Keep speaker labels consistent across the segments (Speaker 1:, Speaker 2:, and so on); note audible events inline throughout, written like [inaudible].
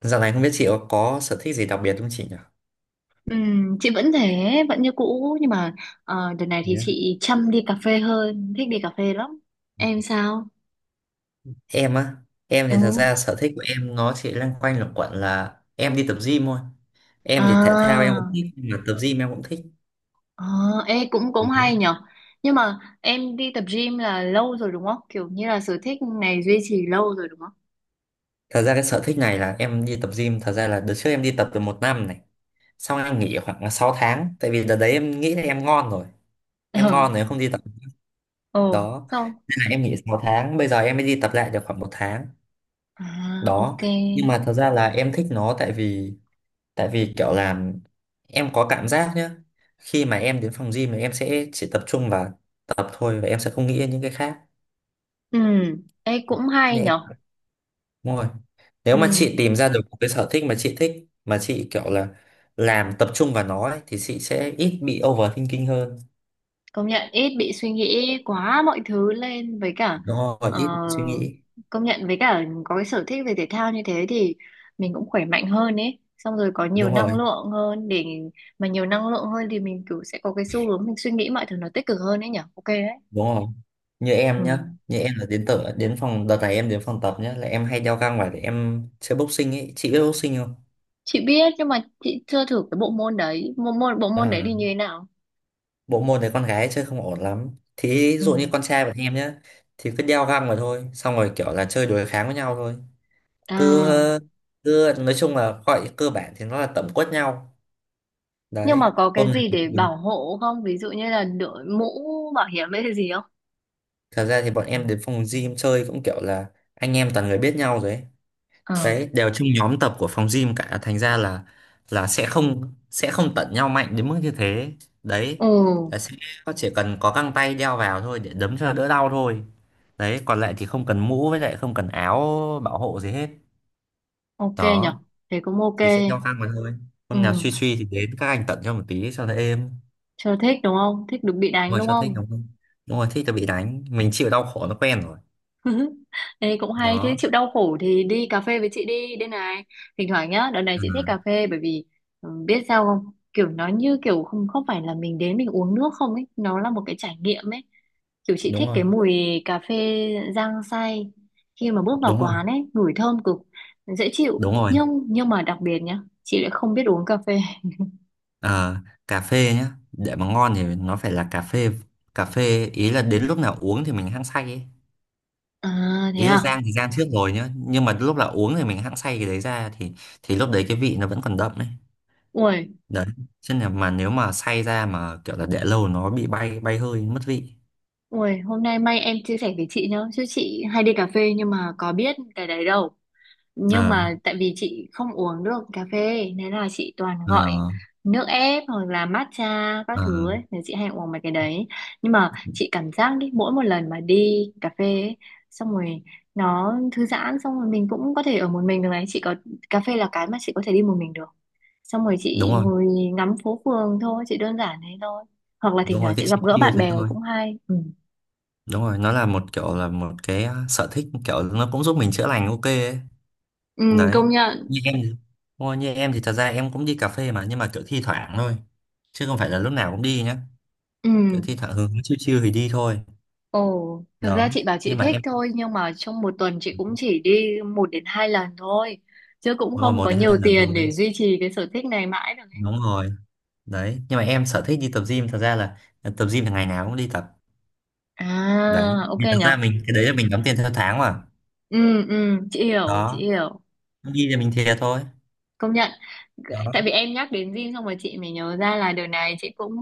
Speaker 1: Dạo này không biết chị có sở thích gì đặc biệt không chị nhỉ?
Speaker 2: Chị vẫn thế, vẫn như cũ nhưng mà đợt này thì
Speaker 1: Nhé.
Speaker 2: chị chăm đi cà phê hơn, thích đi cà phê lắm. Em sao?
Speaker 1: Em á, em
Speaker 2: Ừ.
Speaker 1: thì thật ra sở thích của em nó chỉ loanh quanh luẩn quẩn là em đi tập gym thôi. Em thì thể thao em cũng
Speaker 2: À,
Speaker 1: thích, mà tập gym em cũng thích.
Speaker 2: à, ê, cũng cũng hay nhở. Nhưng mà em đi tập gym là lâu rồi đúng không? Kiểu như là sở thích này duy trì lâu rồi đúng không?
Speaker 1: Thật ra cái sở thích này là em đi tập gym, thật ra là đợt trước em đi tập được một năm này. Xong em nghỉ khoảng là 6 tháng, tại vì đợt đấy em nghĩ là em ngon rồi. Em ngon rồi em
Speaker 2: [laughs]
Speaker 1: không đi tập
Speaker 2: Ờ, ồ,
Speaker 1: đó.
Speaker 2: xong.
Speaker 1: Thế là em nghỉ 6 tháng, bây giờ em mới đi tập lại được khoảng một tháng.
Speaker 2: À,
Speaker 1: Đó,
Speaker 2: ok.
Speaker 1: nhưng mà thật ra là em thích nó tại vì kiểu là em có cảm giác nhá, khi mà em đến phòng gym thì em sẽ chỉ tập trung vào tập thôi và em sẽ không nghĩ đến những cái khác
Speaker 2: Ừ, ê cũng hay
Speaker 1: nên
Speaker 2: nhở.
Speaker 1: em, đúng rồi, nếu
Speaker 2: Ừ.
Speaker 1: mà chị tìm ra được một cái sở thích mà chị kiểu là làm tập trung vào nó ấy, thì chị sẽ ít bị overthinking hơn,
Speaker 2: Công nhận ít bị suy nghĩ quá mọi thứ lên với cả
Speaker 1: đúng rồi,
Speaker 2: ờ,
Speaker 1: ít suy nghĩ.
Speaker 2: công nhận với cả có cái sở thích về thể thao như thế thì mình cũng khỏe mạnh hơn ấy, xong rồi có nhiều
Speaker 1: Đúng
Speaker 2: năng
Speaker 1: rồi,
Speaker 2: lượng hơn để mà nhiều năng lượng hơn thì mình kiểu sẽ có cái xu hướng mình suy nghĩ mọi thứ nó tích cực hơn ấy nhở, ok đấy.
Speaker 1: đúng rồi, như em
Speaker 2: Ừ.
Speaker 1: nhá, như em là đến tập, đến phòng, đợt này em đến phòng tập nhá là em hay đeo găng vào để em chơi boxing ấy, chị biết boxing không?
Speaker 2: Chị biết nhưng mà chị chưa thử cái bộ môn đấy, bộ môn đấy
Speaker 1: À,
Speaker 2: thì như thế nào?
Speaker 1: bộ môn này con gái chơi không ổn lắm thì, ví
Speaker 2: Ừ.
Speaker 1: dụ như con trai bọn em nhá, thì cứ đeo găng vào thôi, xong rồi kiểu là chơi đối kháng với nhau thôi, cứ
Speaker 2: À,
Speaker 1: cứ nói chung là gọi cơ bản thì nó là tẩm quất nhau
Speaker 2: nhưng
Speaker 1: đấy.
Speaker 2: mà có cái
Speaker 1: Hôm nào
Speaker 2: gì
Speaker 1: thì
Speaker 2: để bảo hộ không, ví dụ như là đội mũ bảo hiểm hay cái gì không?
Speaker 1: thật ra thì bọn em đến phòng gym chơi cũng kiểu là anh em toàn người biết nhau rồi ấy.
Speaker 2: Ờ.
Speaker 1: Đấy, đều trong nhóm tập của phòng gym cả, thành ra là sẽ không tận nhau mạnh đến mức như thế đấy,
Speaker 2: Ừ.
Speaker 1: là sẽ chỉ cần có găng tay đeo vào thôi để đấm cho đỡ đau thôi, đấy còn lại thì không cần mũ với lại không cần áo bảo hộ gì hết
Speaker 2: Ok
Speaker 1: đó,
Speaker 2: nhở. Thế cũng ok.
Speaker 1: thì sẽ đeo găng mà thôi.
Speaker 2: Ừ,
Speaker 1: Hôm nào suy suy thì đến các anh tận cho một tí cho nó êm,
Speaker 2: chưa thích đúng không? Thích được bị đánh
Speaker 1: ngồi
Speaker 2: đúng
Speaker 1: cho thích
Speaker 2: không?
Speaker 1: đúng không. Đúng rồi, thích là bị đánh, mình chịu đau khổ nó quen rồi
Speaker 2: [laughs] Thế cũng hay. Thế
Speaker 1: đó.
Speaker 2: chịu đau khổ thì đi cà phê với chị đi. Đây này, thỉnh thoảng nhá. Đợt này
Speaker 1: À,
Speaker 2: chị thích cà phê bởi vì biết sao không? Kiểu nó như kiểu không không phải là mình đến mình uống nước không ấy. Nó là một cái trải nghiệm ấy. Kiểu chị
Speaker 1: đúng
Speaker 2: thích
Speaker 1: rồi,
Speaker 2: cái mùi cà phê rang xay. Khi mà bước vào
Speaker 1: đúng rồi,
Speaker 2: quán ấy, ngửi thơm cực, dễ chịu.
Speaker 1: đúng rồi.
Speaker 2: Nhưng mà đặc biệt nhá, chị lại không biết uống cà phê.
Speaker 1: Ờ, cà phê nhá, để mà ngon thì nó phải là cà phê ý là đến lúc nào uống thì mình hăng say ấy.
Speaker 2: À thế
Speaker 1: Ý là
Speaker 2: à?
Speaker 1: rang thì rang trước rồi nhá, nhưng mà lúc là uống thì mình hăng say cái đấy ra thì lúc đấy cái vị nó vẫn còn đậm đấy
Speaker 2: Ui,
Speaker 1: đấy, chứ là mà nếu mà say ra mà kiểu là để lâu nó bị bay bay hơi mất vị.
Speaker 2: ui, hôm nay may em chia sẻ với chị nhá, chứ chị hay đi cà phê nhưng mà có biết cái đấy đâu. Nhưng
Speaker 1: Ờ.
Speaker 2: mà tại vì chị không uống được cà phê nên là chị toàn gọi
Speaker 1: Ờ.
Speaker 2: nước ép hoặc là matcha các
Speaker 1: Ờ.
Speaker 2: thứ ấy, nên chị hay uống mấy cái đấy. Nhưng mà chị cảm giác đi mỗi một lần mà đi cà phê ấy, xong rồi nó thư giãn, xong rồi mình cũng có thể ở một mình được này, chị có cà phê là cái mà chị có thể đi một mình được. Xong rồi
Speaker 1: Đúng
Speaker 2: chị
Speaker 1: rồi.
Speaker 2: ngồi ngắm phố phường thôi, chị đơn giản thế thôi. Hoặc là
Speaker 1: Đúng
Speaker 2: thỉnh
Speaker 1: rồi,
Speaker 2: thoảng
Speaker 1: cái
Speaker 2: chị gặp
Speaker 1: chi
Speaker 2: gỡ
Speaker 1: tiêu
Speaker 2: bạn
Speaker 1: thế
Speaker 2: bè
Speaker 1: thôi,
Speaker 2: cũng hay. Ừ.
Speaker 1: đúng rồi, nó là một kiểu là một cái sở thích kiểu nó cũng giúp mình chữa lành ok ấy
Speaker 2: Ừ,
Speaker 1: đấy.
Speaker 2: công nhận.
Speaker 1: như em thì- Ôi, như em thì thật ra em cũng đi cà phê mà, nhưng mà kiểu thi thoảng thôi chứ không phải là lúc nào cũng đi nhá,
Speaker 2: Ừ.
Speaker 1: kiểu thi thoảng hứng chiêu chiêu thì đi thôi
Speaker 2: Ồ, thực
Speaker 1: đó.
Speaker 2: ra chị bảo chị
Speaker 1: Nhưng mà
Speaker 2: thích
Speaker 1: em,
Speaker 2: thôi nhưng mà trong một tuần chị cũng chỉ đi 1 đến 2 lần thôi. Chứ cũng
Speaker 1: đúng rồi,
Speaker 2: không
Speaker 1: một
Speaker 2: có
Speaker 1: đến
Speaker 2: nhiều
Speaker 1: hai lần thôi
Speaker 2: tiền để
Speaker 1: đấy.
Speaker 2: duy trì cái sở thích này mãi được ấy.
Speaker 1: Đúng rồi đấy, nhưng mà em sở thích đi tập gym thật ra là tập gym là ngày nào cũng đi tập đấy,
Speaker 2: À, ok
Speaker 1: vì thật ra
Speaker 2: nhở.
Speaker 1: mình cái đấy là mình đóng tiền theo tháng mà
Speaker 2: Ừ, ừ, chị hiểu, chị
Speaker 1: đó,
Speaker 2: hiểu.
Speaker 1: không đi thì mình thiệt thôi
Speaker 2: Công nhận.
Speaker 1: đó.
Speaker 2: Tại vì em nhắc đến gym xong rồi chị mới nhớ ra là đợt này chị cũng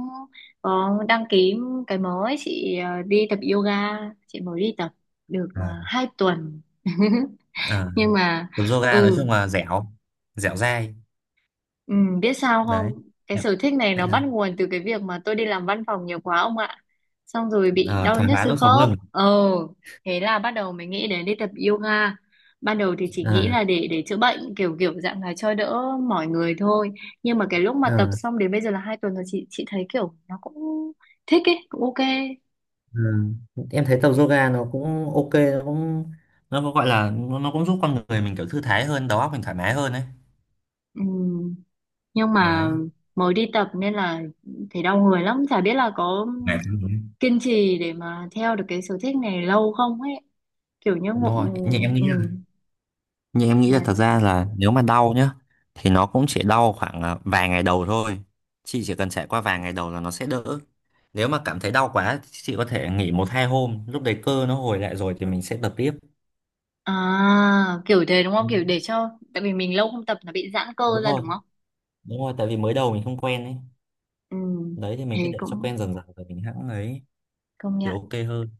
Speaker 2: có đăng ký cái mới. Chị đi tập yoga, chị mới đi tập được
Speaker 1: À,
Speaker 2: 2 tuần. [laughs]
Speaker 1: à,
Speaker 2: Nhưng mà
Speaker 1: tập yoga nói
Speaker 2: ừ
Speaker 1: chung là dẻo dẻo dai
Speaker 2: Ừ, biết sao không?
Speaker 1: đấy.
Speaker 2: Cái sở thích này
Speaker 1: Đấy
Speaker 2: nó bắt
Speaker 1: sao?
Speaker 2: nguồn từ cái việc mà tôi đi làm văn phòng nhiều quá ông ạ. Xong rồi bị
Speaker 1: Ờ,
Speaker 2: đau
Speaker 1: thoái
Speaker 2: nhức
Speaker 1: hóa
Speaker 2: xương
Speaker 1: đốt sống
Speaker 2: khớp.
Speaker 1: lưng.
Speaker 2: Ờ, thế là bắt đầu mới nghĩ đến đi tập yoga. Ban đầu thì chỉ nghĩ
Speaker 1: À,
Speaker 2: là để chữa bệnh kiểu kiểu dạng là cho đỡ mỏi người thôi. Nhưng mà cái lúc mà tập
Speaker 1: ờ.
Speaker 2: xong đến bây giờ là 2 tuần rồi, chị thấy kiểu nó cũng thích ấy, cũng ok.
Speaker 1: Ừ. Em thấy tập yoga nó cũng ok, nó cũng nó có gọi là nó cũng giúp con người mình kiểu thư thái hơn, đầu óc mình thoải mái hơn đấy
Speaker 2: Ừ, nhưng
Speaker 1: đấy.
Speaker 2: mà mới đi tập nên là thấy đau người lắm, chả biết là có
Speaker 1: Ngày thứ mấy?
Speaker 2: kiên trì để mà theo được cái sở thích này lâu không ấy. Kiểu như
Speaker 1: Đúng
Speaker 2: ngộ.
Speaker 1: rồi,
Speaker 2: Ừ,
Speaker 1: nhưng em nghĩ là
Speaker 2: này.
Speaker 1: thật ra là nếu mà đau nhá thì nó cũng chỉ đau khoảng vài ngày đầu thôi, chị chỉ cần trải qua vài ngày đầu là nó sẽ đỡ. Nếu mà cảm thấy đau quá thì chị có thể nghỉ một hai hôm, lúc đấy cơ nó hồi lại rồi thì mình sẽ tập tiếp.
Speaker 2: À kiểu thế đúng
Speaker 1: Ừ,
Speaker 2: không, kiểu để cho, tại vì mình lâu không tập nó bị giãn cơ
Speaker 1: đúng
Speaker 2: ra
Speaker 1: rồi,
Speaker 2: đúng không.
Speaker 1: đúng rồi, tại vì mới đầu mình không quen ấy,
Speaker 2: Ừ,
Speaker 1: đấy thì mình cứ
Speaker 2: thế
Speaker 1: để cho
Speaker 2: cũng
Speaker 1: quen dần dần rồi mình hãng ấy
Speaker 2: công
Speaker 1: thì
Speaker 2: nhận.
Speaker 1: ok hơn.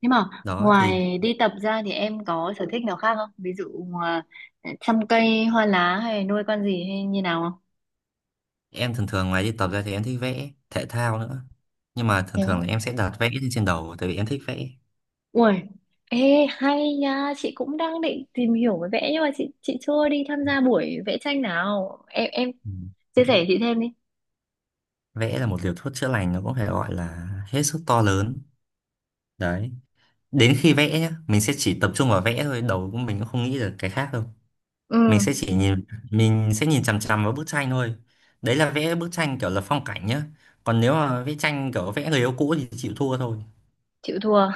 Speaker 2: Nhưng mà
Speaker 1: Đó thì
Speaker 2: ngoài đi tập ra thì em có sở thích nào khác không, ví dụ à, chăm cây hoa lá hay nuôi con gì hay như nào không?
Speaker 1: em thường thường ngoài đi tập ra thì em thích vẽ thể thao nữa. Nhưng mà thường
Speaker 2: Thế
Speaker 1: thường
Speaker 2: á?
Speaker 1: là em sẽ đặt vẽ lên trên đầu tại vì em thích vẽ.
Speaker 2: Ui, ê hay nha, chị cũng đang định tìm hiểu về vẽ nhưng mà chị chưa đi tham gia buổi vẽ tranh nào. Em
Speaker 1: Ừ.
Speaker 2: chia sẻ chị thêm đi.
Speaker 1: Vẽ là một liều thuốc chữa lành nó cũng phải gọi là hết sức to lớn. Đấy. Đến khi vẽ nhá, mình sẽ chỉ tập trung vào vẽ thôi, đầu của mình cũng không nghĩ được cái khác đâu.
Speaker 2: Ừ.
Speaker 1: Mình sẽ chỉ nhìn mình sẽ nhìn chằm chằm vào bức tranh thôi. Đấy là vẽ bức tranh kiểu là phong cảnh nhá. Còn nếu mà vẽ tranh kiểu vẽ người yêu cũ thì chịu thua thôi.
Speaker 2: Chịu thua.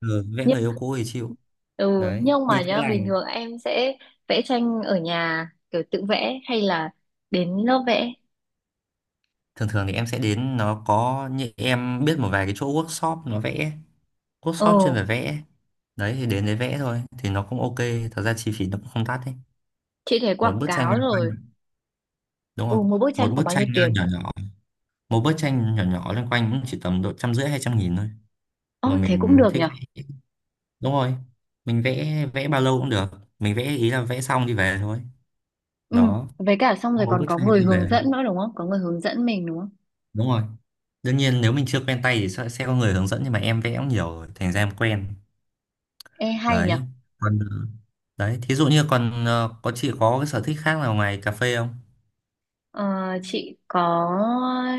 Speaker 1: Ừ, vẽ người
Speaker 2: Nhưng
Speaker 1: yêu cũ thì chịu.
Speaker 2: ừ
Speaker 1: Đấy,
Speaker 2: nhưng
Speaker 1: đi
Speaker 2: mà
Speaker 1: chữa
Speaker 2: nhá, bình
Speaker 1: lành.
Speaker 2: thường em sẽ vẽ tranh ở nhà kiểu tự vẽ hay là đến lớp vẽ?
Speaker 1: Thường thường thì em sẽ đến, nó có như em biết một vài cái chỗ workshop nó vẽ, workshop chuyên
Speaker 2: Ừ.
Speaker 1: về vẽ đấy, thì đến đấy vẽ thôi thì nó cũng ok, thật ra chi phí nó cũng không đắt đấy.
Speaker 2: Chị thấy
Speaker 1: Một
Speaker 2: quảng
Speaker 1: bức tranh
Speaker 2: cáo
Speaker 1: loanh quanh,
Speaker 2: rồi.
Speaker 1: đúng
Speaker 2: Ừ,
Speaker 1: không,
Speaker 2: một bức tranh
Speaker 1: một
Speaker 2: khoảng
Speaker 1: bức
Speaker 2: bao
Speaker 1: tranh
Speaker 2: nhiêu tiền?
Speaker 1: nhỏ nhỏ, một bức tranh nhỏ nhỏ loanh quanh cũng chỉ tầm độ 150 200.000 thôi,
Speaker 2: Ồ,
Speaker 1: mà
Speaker 2: thế cũng
Speaker 1: mình
Speaker 2: được
Speaker 1: thích
Speaker 2: nhở.
Speaker 1: vẽ. Đúng rồi, mình vẽ vẽ bao lâu cũng được, mình vẽ ý là vẽ xong đi về thôi
Speaker 2: Ừ,
Speaker 1: đó.
Speaker 2: với cả xong
Speaker 1: Xong
Speaker 2: rồi
Speaker 1: một
Speaker 2: còn
Speaker 1: bức
Speaker 2: có
Speaker 1: tranh
Speaker 2: người
Speaker 1: đi
Speaker 2: hướng
Speaker 1: về thôi.
Speaker 2: dẫn nữa đúng không, có người hướng dẫn mình đúng không?
Speaker 1: Đúng rồi, đương nhiên nếu mình chưa quen tay thì sẽ có người hướng dẫn, nhưng mà em vẽ cũng nhiều rồi thành ra em quen
Speaker 2: Ê, hay nhở.
Speaker 1: đấy. Còn đấy, thí dụ như còn có chị có cái sở thích khác nào ngoài cà phê không?
Speaker 2: Ờ, chị có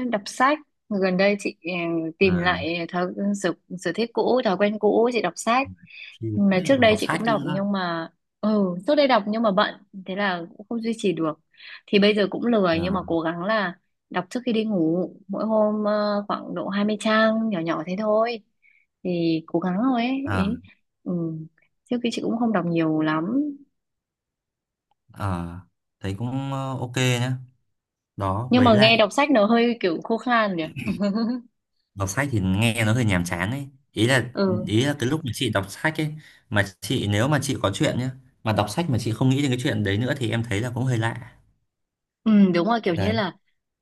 Speaker 2: đọc sách. Gần đây chị tìm
Speaker 1: À,
Speaker 2: lại thói sở, sở thích cũ, thói quen cũ, chị đọc sách,
Speaker 1: thì
Speaker 2: mà trước
Speaker 1: còn
Speaker 2: đây
Speaker 1: đọc
Speaker 2: chị
Speaker 1: sách
Speaker 2: cũng đọc
Speaker 1: nữa.
Speaker 2: nhưng mà trước đây đọc nhưng mà bận, thế là cũng không duy trì được. Thì bây giờ cũng lười nhưng mà
Speaker 1: À,
Speaker 2: cố gắng là đọc trước khi đi ngủ mỗi hôm khoảng độ 20 trang nhỏ nhỏ thế thôi, thì cố gắng thôi ấy
Speaker 1: à,
Speaker 2: ý. Ừ. Trước khi chị cũng không đọc nhiều lắm,
Speaker 1: à, thấy cũng ok nhá đó.
Speaker 2: nhưng
Speaker 1: Với
Speaker 2: mà nghe
Speaker 1: lại
Speaker 2: đọc sách nó hơi kiểu khô khan nhỉ. [laughs]
Speaker 1: đọc sách thì nghe nó hơi nhàm chán ấy,
Speaker 2: ừ
Speaker 1: ý là cái lúc mà chị đọc sách ấy, mà chị nếu mà chị có chuyện nhá mà đọc sách mà chị không nghĩ đến cái chuyện đấy nữa thì em thấy là cũng hơi lạ
Speaker 2: Ừ, đúng rồi, kiểu như
Speaker 1: đấy,
Speaker 2: là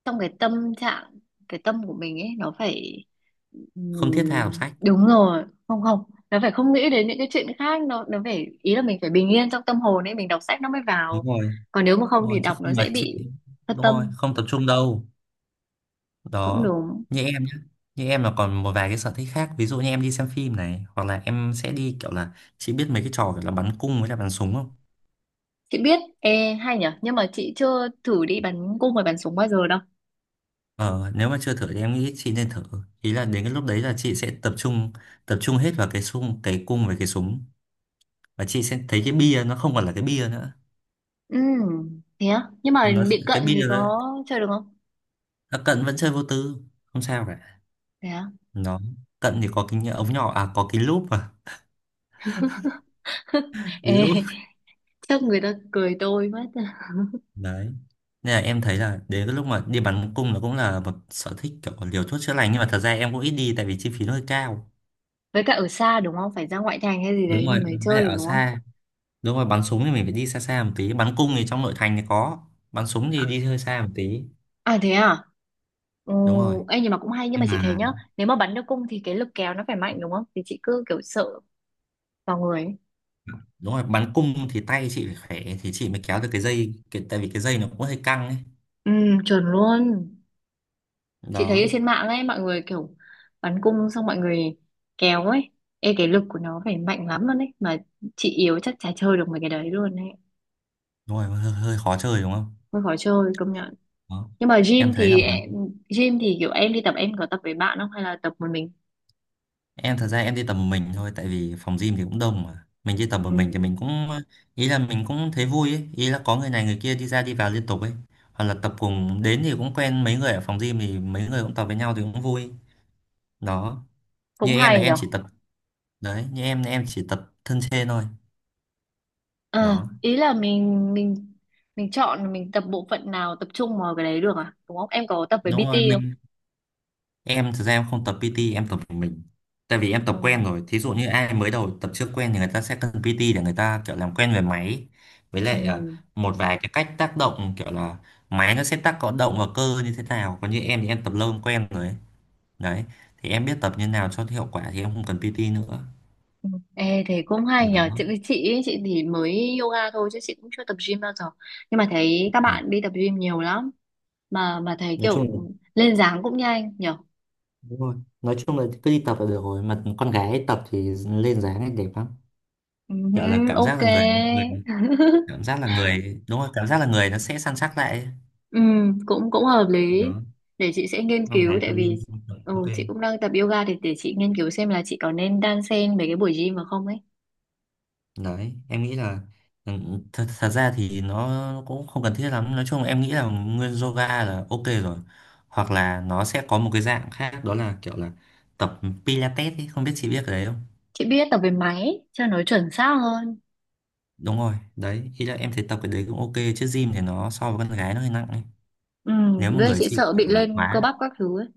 Speaker 2: trong cái tâm trạng, cái tâm của mình ấy nó phải ừ,
Speaker 1: không thiết tha đọc sách,
Speaker 2: đúng rồi, không không, nó phải không nghĩ đến những cái chuyện khác, nó phải ý là mình phải bình yên trong tâm hồn ấy mình đọc sách nó mới
Speaker 1: đúng
Speaker 2: vào.
Speaker 1: rồi,
Speaker 2: Còn nếu mà không
Speaker 1: đúng rồi
Speaker 2: thì
Speaker 1: chứ
Speaker 2: đọc
Speaker 1: không
Speaker 2: nó sẽ
Speaker 1: là chị,
Speaker 2: bị phân
Speaker 1: đúng rồi
Speaker 2: tâm.
Speaker 1: không tập trung đâu
Speaker 2: Cũng
Speaker 1: đó.
Speaker 2: đúng.
Speaker 1: Như em nhé, như em là còn một vài cái sở thích khác, ví dụ như em đi xem phim này hoặc là em sẽ đi kiểu là, chị biết mấy cái trò kiểu là bắn cung với là bắn súng không?
Speaker 2: Chị biết, ê hay nhở, nhưng mà chị chưa thử đi bắn cung và bắn súng bao giờ đâu.
Speaker 1: Ờ, nếu mà chưa thử thì em nghĩ chị nên thử, ý là đến cái lúc đấy là chị sẽ tập trung hết vào cái súng, cái cung với cái súng, và chị sẽ thấy cái bia nó không còn là cái bia nữa.
Speaker 2: Ừ, thế á? Nhưng mà
Speaker 1: Nó
Speaker 2: bị
Speaker 1: cái
Speaker 2: cận thì
Speaker 1: bia nó,
Speaker 2: có chơi được không?
Speaker 1: nó cận vẫn chơi vô tư, không sao cả.
Speaker 2: Thế á?
Speaker 1: Nó cận thì có cái ống nhỏ, à có cái lúp mà. [laughs]
Speaker 2: [laughs]
Speaker 1: Cái lúp
Speaker 2: Ê, chắc người ta cười tôi mất.
Speaker 1: đấy, nên là em thấy là đến cái lúc mà đi bắn cung là cũng là một sở thích kiểu liều thuốc chữa lành, nhưng mà thật ra em cũng ít đi tại vì chi phí nó hơi cao.
Speaker 2: Với cả ở xa đúng không? Phải ra ngoại thành hay gì
Speaker 1: Đúng
Speaker 2: đấy thì
Speaker 1: rồi,
Speaker 2: mới
Speaker 1: với
Speaker 2: chơi
Speaker 1: lại
Speaker 2: được
Speaker 1: ở
Speaker 2: đúng không?
Speaker 1: xa, đúng rồi bắn súng thì mình phải đi xa xa một tí, bắn cung thì trong nội thành thì có, bắn súng thì
Speaker 2: À,
Speaker 1: đi hơi xa một tí.
Speaker 2: à thế à? Ừ,
Speaker 1: Đúng rồi,
Speaker 2: ê, nhưng mà cũng hay, nhưng mà
Speaker 1: nhưng
Speaker 2: chị thấy
Speaker 1: mà
Speaker 2: nhá, nếu mà bắn được cung thì cái lực kéo nó phải mạnh đúng không, thì chị cứ kiểu sợ vào người ấy.
Speaker 1: đúng rồi bắn cung thì tay chị phải khỏe thì chị mới kéo được cái dây tại vì cái dây nó cũng hơi căng ấy
Speaker 2: Ừ, chuẩn luôn. Chị thấy ở
Speaker 1: đó.
Speaker 2: trên mạng ấy mọi người kiểu bắn cung xong mọi người kéo ấy. Ê, cái lực của nó phải mạnh lắm luôn ấy, mà chị yếu chắc chả chơi được mấy cái đấy luôn ấy.
Speaker 1: Đúng rồi, hơi khó chơi đúng không
Speaker 2: Hơi khó chơi, công nhận.
Speaker 1: đó.
Speaker 2: Nhưng mà
Speaker 1: Em thấy là bắn.
Speaker 2: gym thì kiểu em đi tập, em có tập với bạn không hay là tập một mình?
Speaker 1: Em thật ra em đi tập một mình thôi tại vì phòng gym thì cũng đông mà. Mình đi tập một
Speaker 2: Ừ,
Speaker 1: mình thì mình cũng ý là mình cũng thấy vui ấy, ý là có người này người kia đi ra đi vào liên tục ấy. Hoặc là tập cùng đến thì cũng quen mấy người ở phòng gym thì mấy người cũng tập với nhau thì cũng vui. Đó.
Speaker 2: cũng
Speaker 1: Như em là
Speaker 2: hay
Speaker 1: em
Speaker 2: nhở.
Speaker 1: chỉ tập đấy, như em là em chỉ tập thân trên thôi.
Speaker 2: À
Speaker 1: Đó.
Speaker 2: ý là mình chọn, mình tập bộ phận nào tập trung vào cái đấy được à đúng không, em có tập với
Speaker 1: Đúng
Speaker 2: PT
Speaker 1: rồi,
Speaker 2: không?
Speaker 1: mình. Em thực ra em không tập PT, em tập một mình. Tại vì em
Speaker 2: Ừ.
Speaker 1: tập quen rồi. Thí dụ như ai mới đầu tập chưa quen thì người ta sẽ cần PT để người ta kiểu làm quen về máy. Với lại
Speaker 2: Ừ,
Speaker 1: một vài cái cách tác động kiểu là máy nó sẽ tác có động vào cơ như thế nào. Còn như em thì em tập lâu em quen rồi ấy. Đấy. Thì em biết tập như nào cho hiệu quả thì em không cần PT nữa.
Speaker 2: ừ. Ê, thế cũng hay nhờ chị
Speaker 1: Đó.
Speaker 2: chị ấy, chị thì mới yoga thôi chứ chị cũng chưa tập gym bao giờ. Nhưng mà thấy các
Speaker 1: À.
Speaker 2: bạn đi tập gym nhiều lắm, mà thấy
Speaker 1: Nói chung
Speaker 2: kiểu
Speaker 1: là
Speaker 2: lên dáng cũng nhanh nhở.
Speaker 1: đúng rồi. Nói chung là cứ đi tập là được rồi. Mà con gái tập thì lên dáng ấy đẹp lắm.
Speaker 2: Ừ,
Speaker 1: Kiểu là cảm giác
Speaker 2: ok.
Speaker 1: là người cảm giác là người đúng rồi cảm giác là người nó sẽ săn sắc lại ấy,
Speaker 2: Ừ, cũng cũng hợp lý, để chị sẽ nghiên
Speaker 1: không
Speaker 2: cứu,
Speaker 1: thấy
Speaker 2: tại
Speaker 1: tự
Speaker 2: vì
Speaker 1: nhiên. Ok
Speaker 2: chị cũng đang tập yoga thì để chị nghiên cứu xem là chị có nên đan xen mấy cái buổi gym mà không ấy.
Speaker 1: đấy, em nghĩ là ừ, thật ra thì nó cũng không cần thiết lắm, nói chung em nghĩ là nguyên yoga là ok rồi, hoặc là nó sẽ có một cái dạng khác đó là kiểu là tập Pilates ấy, không biết chị biết cái đấy không.
Speaker 2: Chị biết, tập về máy cho nó chuẩn xác hơn.
Speaker 1: Đúng rồi đấy, ý là em thấy tập cái đấy cũng ok, chứ gym thì nó so với con gái nó hơi nặng ấy,
Speaker 2: Ừ,
Speaker 1: nếu mà
Speaker 2: với lại
Speaker 1: người
Speaker 2: chị
Speaker 1: chị
Speaker 2: sợ
Speaker 1: kiểu
Speaker 2: bị
Speaker 1: là
Speaker 2: lên cơ
Speaker 1: quá,
Speaker 2: bắp các thứ ấy.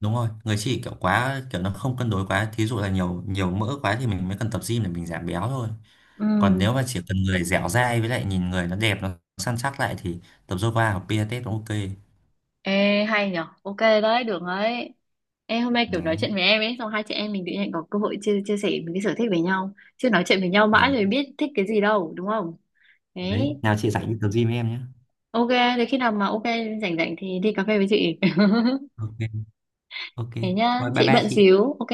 Speaker 1: đúng rồi người chị kiểu quá kiểu nó không cân đối quá, thí dụ là nhiều nhiều mỡ quá thì mình mới cần tập gym để mình giảm béo thôi. Còn
Speaker 2: Ừ.
Speaker 1: nếu mà chỉ cần người dẻo dai với lại nhìn người nó đẹp nó săn chắc lại thì tập yoga hoặc pilates cũng ok.
Speaker 2: Ê, hay nhở, ok đấy, được đấy. Ê, hôm nay kiểu nói
Speaker 1: Đấy,
Speaker 2: chuyện với em ấy, xong hai chị em mình tự nhiên có cơ hội chia chia sẻ những cái sở thích với nhau, chứ nói chuyện với nhau
Speaker 1: đấy,
Speaker 2: mãi rồi biết thích cái gì đâu đúng không.
Speaker 1: đấy,
Speaker 2: Đấy.
Speaker 1: nào chị rảnh đi tập gym với em nhé.
Speaker 2: Ok, thì khi nào mà ok rảnh rảnh thì đi cà phê với chị. [laughs]
Speaker 1: Ok, ok
Speaker 2: Thế nhá,
Speaker 1: rồi bye
Speaker 2: chị
Speaker 1: bye
Speaker 2: bận
Speaker 1: chị.
Speaker 2: xíu. Ok.